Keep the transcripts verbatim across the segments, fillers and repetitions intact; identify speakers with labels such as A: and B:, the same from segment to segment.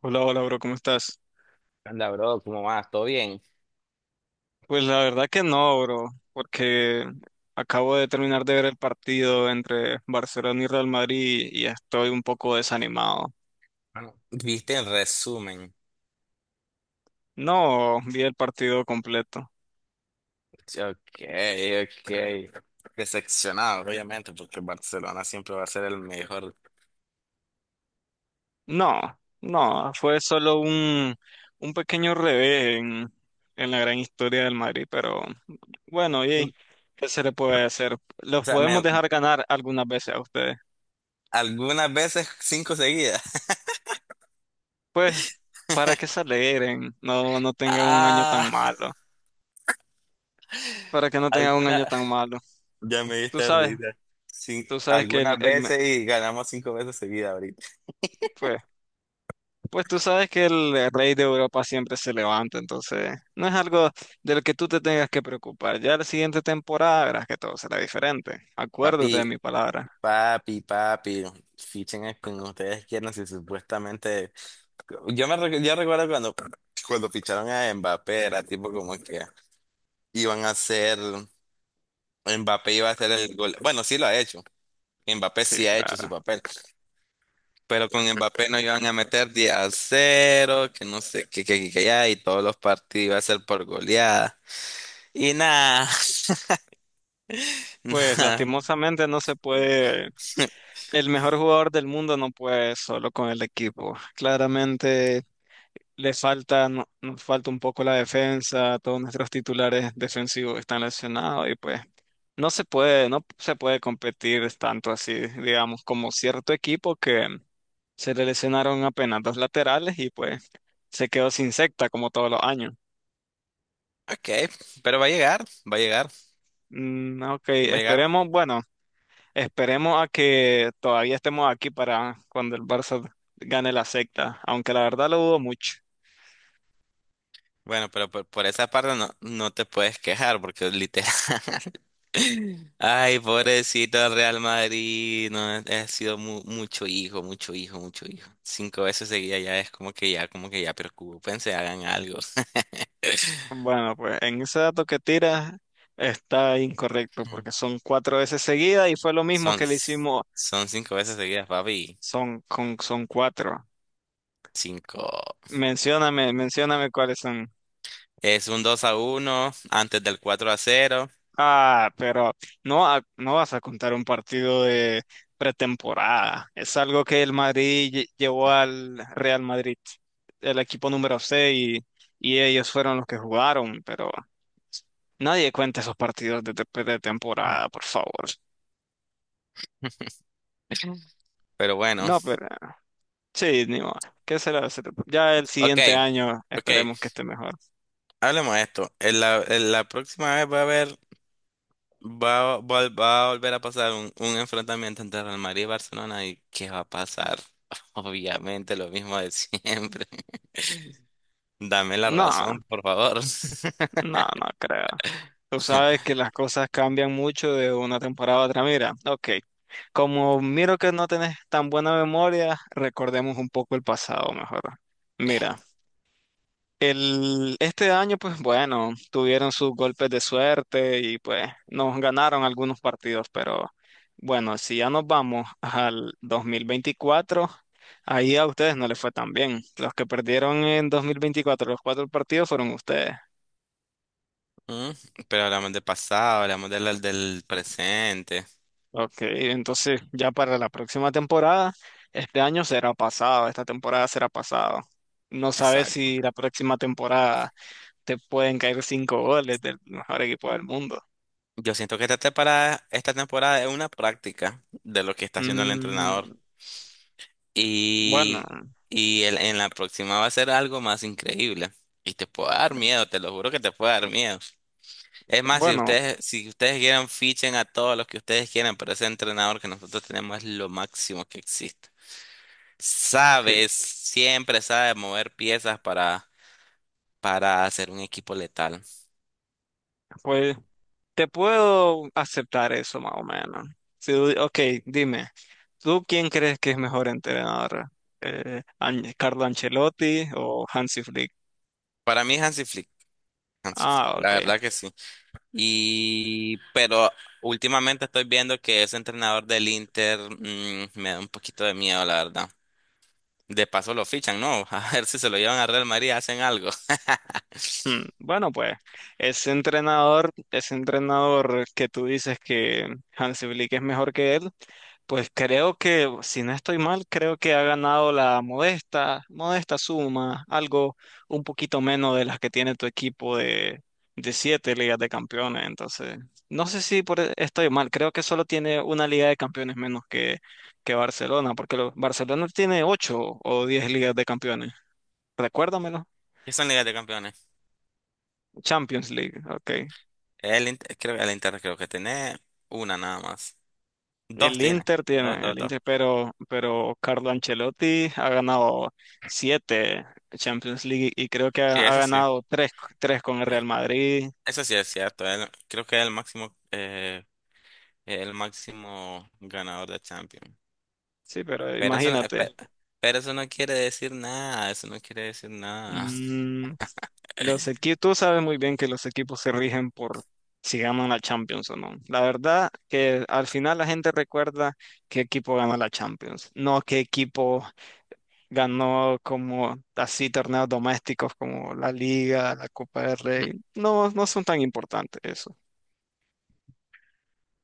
A: Hola, hola, bro, ¿cómo estás?
B: Anda, bro, ¿cómo vas? ¿Todo bien?
A: Pues la verdad que no, bro, porque acabo de terminar de ver el partido entre Barcelona y Real Madrid y estoy un poco desanimado.
B: Bueno, viste el resumen.
A: No vi el partido completo.
B: Ok, ok. Decepcionado, obviamente, porque Barcelona siempre va a ser el mejor.
A: No, no, fue solo un, un pequeño revés en, en la gran historia del Madrid, pero bueno,
B: Mm,
A: y ¿qué se le puede hacer?
B: O
A: Los
B: sea, me,
A: podemos dejar ganar algunas veces a ustedes.
B: algunas veces cinco seguidas.
A: Pues, para que se alegren, no, no tengan un año tan
B: Ah,
A: malo. Para que no tenga un año
B: alguna.
A: tan malo.
B: Ya me
A: Tú
B: diste
A: sabes,
B: risa. Sí,
A: tú sabes que el,
B: algunas
A: el me-
B: veces y ganamos cinco veces seguidas ahorita.
A: pues, pues tú sabes que el rey de Europa siempre se levanta, entonces no es algo de lo que tú te tengas que preocupar. Ya la siguiente temporada verás que todo será diferente.
B: Papi,
A: Acuérdate de mi palabra.
B: papi, papi. Fichen a quien ustedes quieran si supuestamente. Yo me recu- yo recuerdo cuando, cuando ficharon a Mbappé, era tipo como que iban a ser, Mbappé iba a hacer el gol. Bueno, sí lo ha hecho. Mbappé
A: Sí,
B: sí ha hecho su
A: claro.
B: papel. Pero con Mbappé no iban a meter diez a cero que no sé, que, que, que, que ya, y todos los partidos iba a ser por goleada. Y nada,
A: Pues
B: nada.
A: lastimosamente no se puede, el mejor jugador del mundo no puede solo con el equipo. Claramente le falta, no- nos falta un poco la defensa, todos nuestros titulares defensivos están lesionados y pues no se puede, no se puede competir tanto así, digamos, como cierto equipo que se le lesionaron apenas dos laterales y pues se quedó sin secta como todos los años.
B: Ok, pero va a llegar, va a llegar,
A: Mm, ok,
B: va a llegar.
A: esperemos, bueno, esperemos a que todavía estemos aquí para cuando el Barça gane la secta, aunque la verdad lo dudo mucho.
B: Bueno, pero por, por esa parte no, no te puedes quejar porque literal. Ay, pobrecito del Real Madrid. No, ha ha sido mu- mucho hijo, mucho hijo, mucho hijo. Cinco veces seguida ya es como que ya, como que ya preocúpense, hagan algo.
A: Bueno, pues en ese dato que tiras está incorrecto
B: Mm.
A: porque son cuatro veces seguidas y fue lo mismo
B: Son,
A: que le hicimos.
B: son cinco veces seguidas, papi.
A: Son, con, son cuatro.
B: Cinco.
A: Mencióname, mencióname cuáles son.
B: Es un dos a uno antes del cuatro a cero.
A: Ah, pero no, a- no vas a contar un partido de pretemporada. Es algo que el Madrid lle- llevó al Real Madrid, el equipo número seis, y, y ellos fueron los que jugaron, pero nadie cuenta esos partidos de, de pretemporada, por favor.
B: Pero bueno,
A: No, pero... Sí, ni modo. ¿Qué será? Se- Ya el
B: ok,
A: siguiente año
B: ok,
A: esperemos que esté mejor.
B: hablemos de esto. En la, en la próxima vez va a haber. Va, a vol- va a volver a pasar un, un enfrentamiento entre Real Madrid y Barcelona, ¿y qué va a pasar? Obviamente lo mismo de siempre. Dame la
A: No,
B: razón, por favor.
A: no, no creo. Tú sabes que las cosas cambian mucho de una temporada a otra. Mira, ok. Como miro que no tenés tan buena memoria, recordemos un poco el pasado mejor. Mira. El, este año, pues bueno, tuvieron sus golpes de suerte y pues nos ganaron algunos partidos, pero bueno, si ya nos vamos al dos mil veinticuatro, ahí a ustedes no les fue tan bien. Los que perdieron en dos mil veinticuatro, los cuatro partidos fueron ustedes.
B: Mm, pero hablamos del pasado, hablamos del, del presente.
A: Ok, entonces ya para la próxima temporada, este año será pasado, esta temporada será pasado. No sabes
B: Exacto.
A: si la próxima temporada te pueden caer cinco goles del mejor equipo del mundo.
B: Yo siento que esta temporada, esta temporada es una práctica de lo que está haciendo el entrenador.
A: Mm, bueno,
B: Y, y el- en la próxima va a ser algo más increíble. Y te puede dar miedo, te lo juro que te puede dar miedo. Es más, si
A: bueno,
B: ustedes, si ustedes quieren, fichen a todos los que ustedes quieran, pero ese entrenador que nosotros tenemos es lo máximo que existe.
A: sí.
B: Sabe, siempre sabe mover piezas para, para hacer un equipo letal.
A: Pues te puedo aceptar eso más o menos. Si, tú- ok, dime, ¿tú quién crees que es mejor entrenador? Eh, An- ¿Carlo Ancelotti o Hansi Flick?
B: Para mí Hansi Flick, Hansi Flick,
A: Ah,
B: la
A: ok.
B: verdad que sí. Y, pero últimamente estoy viendo que ese entrenador del Inter, mm, me da un poquito de miedo, la verdad. De paso lo fichan, ¿no? A ver si se lo llevan a Real Madrid, hacen algo.
A: Hmm, bueno, pues ese entrenador, ese entrenador que tú dices que Hansi Flick es mejor que él, pues creo que, si no estoy mal, creo que ha ganado la modesta, modesta suma, algo un poquito menos de las que tiene tu equipo, de, de siete ligas de campeones. Entonces, no sé si por, e- estoy mal, creo que solo tiene una liga de campeones menos que, que Barcelona, porque lo- Barcelona tiene ocho o diez ligas de campeones. Recuérdamelo.
B: ¿Qué son Ligas de Campeones?
A: Champions League, ok.
B: El, Inter- creo, el Inter creo que tiene una nada más. Dos
A: El
B: tiene.
A: Inter
B: Dos,
A: tiene,
B: dos,
A: el
B: dos.
A: Inter, pero, pero Carlo Ancelotti ha ganado siete Champions League y creo que ha,
B: Sí,
A: ha
B: eso sí.
A: ganado tres, tres con el Real
B: Ya.
A: Madrid.
B: Eso sí es cierto. Él- creo que es el máximo, eh, el máximo ganador de Champions.
A: Sí, pero
B: Pero eso, no- eh,
A: imagínate.
B: pe- pero eso no quiere decir nada. Eso no quiere decir nada.
A: mm, los equipos, tú sabes muy bien que los equipos se rigen por si ganan la Champions o no. La verdad que al final la gente recuerda qué equipo gana la Champions, no qué equipo ganó como así torneos domésticos como la Liga, la Copa del Rey. No, no son tan importantes eso.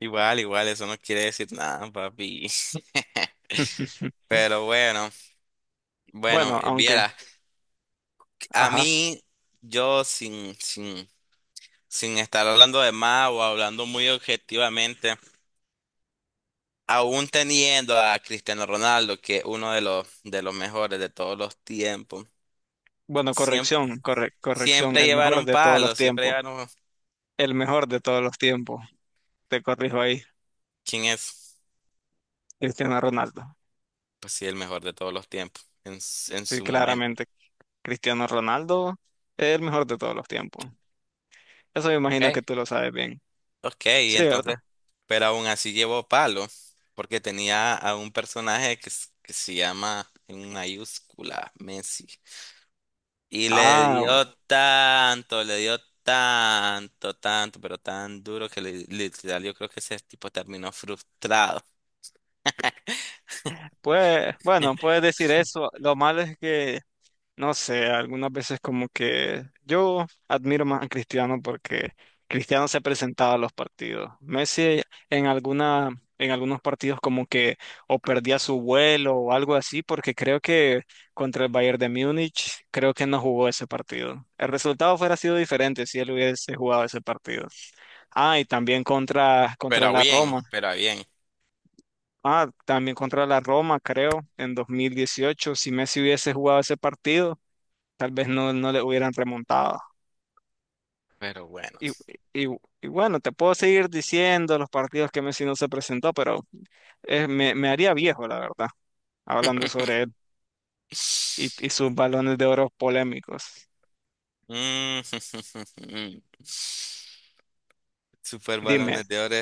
B: Igual, igual, eso no quiere decir nada, papi. Pero bueno, bueno,
A: Bueno,
B: eh,
A: aunque,
B: viera, a
A: ajá.
B: mí, yo sin, sin, sin estar hablando de más o hablando muy objetivamente. Aún teniendo a Cristiano Ronaldo, que es uno de los, de los mejores de todos los tiempos,
A: Bueno,
B: siempre,
A: corrección, corre- corrección,
B: siempre
A: el mejor
B: llevaron
A: de todos los
B: palos, siempre
A: tiempos.
B: llevaron...
A: El mejor de todos los tiempos. Te corrijo ahí,
B: ¿Quién es?
A: Cristiano Ronaldo.
B: Pues sí, el mejor de todos los tiempos, en, s- en
A: Sí,
B: su momento.
A: claramente, Cristiano Ronaldo es el mejor de todos los tiempos. Eso me imagino que
B: Ok.
A: tú lo sabes bien.
B: Ok, y
A: Sí, ¿verdad?
B: entonces, pero aún así llevó palo, porque tenía a un personaje que, s- que se llama en mayúscula Messi. Y le
A: Ah, bueno.
B: dio tanto, le dio tanto, tanto, pero tan duro que le, literal yo creo que ese tipo terminó frustrado.
A: Pues, bueno, puedes decir eso. Lo malo es que no sé, algunas veces como que yo admiro más a Cristiano porque Cristiano se presentaba a los partidos. Messi en alguna, en algunos partidos como que o perdía su vuelo o algo así, porque creo que contra el Bayern de Múnich creo que no jugó ese partido. El resultado fuera sido diferente si él hubiese jugado ese partido. Ah, y también contra, contra
B: Pero
A: la
B: bien,
A: Roma.
B: pero bien,
A: Ah, también contra la Roma, creo, en dos mil dieciocho, si Messi hubiese jugado ese partido tal vez no, no le hubieran remontado.
B: pero bueno.
A: Y, y- y bueno, te puedo seguir diciendo los partidos que Messi no se presentó, pero eh, me, me haría viejo, la verdad, hablando sobre él y, y sus balones de oro polémicos.
B: Mm, super
A: Dime,
B: balones de oro.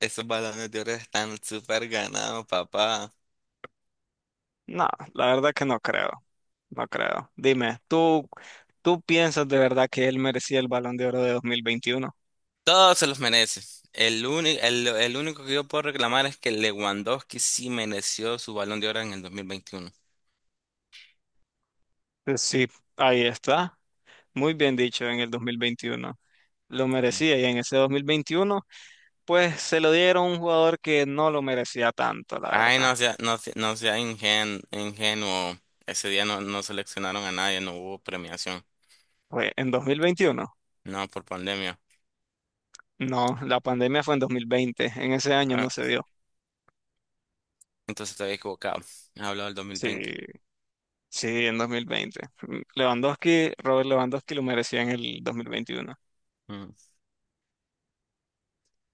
B: Esos balones de oro están super ganados, papá.
A: no, la verdad que no creo, no creo. Dime, ¿tú, tú piensas de verdad que él merecía el balón de oro de dos mil veintiuno?
B: Todos se los merece. El único, el, el único que yo puedo reclamar es que Lewandowski sí mereció su balón de oro en el dos mil veintiuno.
A: Pues sí, ahí está. Muy bien dicho en el dos mil veintiuno. Lo merecía, y en ese dos mil veintiuno pues se lo dieron a un jugador que no lo merecía tanto, la
B: Ay, no
A: verdad.
B: sea, no, sea- no sea ingen- ingenuo. Ese día no, no seleccionaron a nadie, no hubo premiación.
A: Fue en dos mil veintiuno.
B: No, por pandemia.
A: No, la pandemia fue en dos mil veinte. En ese año
B: Ah,
A: no se dio.
B: entonces te había equivocado. He hablado del dos mil veinte.
A: Sí, sí, en dos mil veinte. Mm, Lewandowski, Robert Lewandowski lo merecía en el dos mil veintiuno.
B: Mm.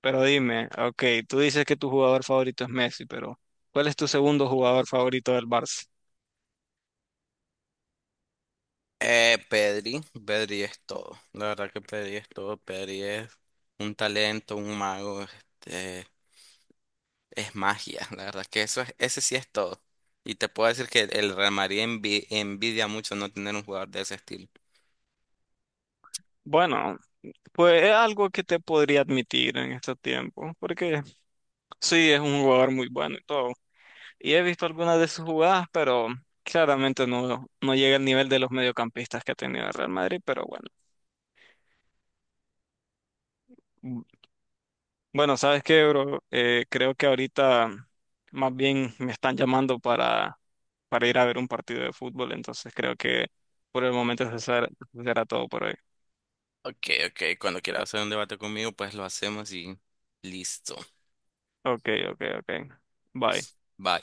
A: Pero dime, ok, tú dices que tu jugador favorito es Messi, pero ¿cuál es tu segundo jugador favorito del Barça?
B: Eh, Pedri, Pedri es todo. La verdad que Pedri es todo. Pedri es un talento, un mago. Este, es magia. La verdad que eso es, ese sí es todo. Y te puedo decir que el Real Madrid envi- envidia mucho no tener un jugador de ese estilo.
A: Bueno, pues es algo que te podría admitir en estos tiempos, porque sí, es un jugador muy bueno y todo. Y he visto algunas de sus jugadas, pero claramente no, no llega al nivel de los mediocampistas que ha tenido el Real Madrid, pero bueno. Mm, bueno, ¿sabes qué, bro? Eh, creo que ahorita más bien me están llamando para, para, ir a ver un partido de fútbol, entonces creo que por el momento eso será, eso será todo por hoy.
B: Ok, ok, cuando quieras hacer un debate conmigo, pues lo hacemos y listo.
A: Ok, ok, ok. Bye.
B: Va,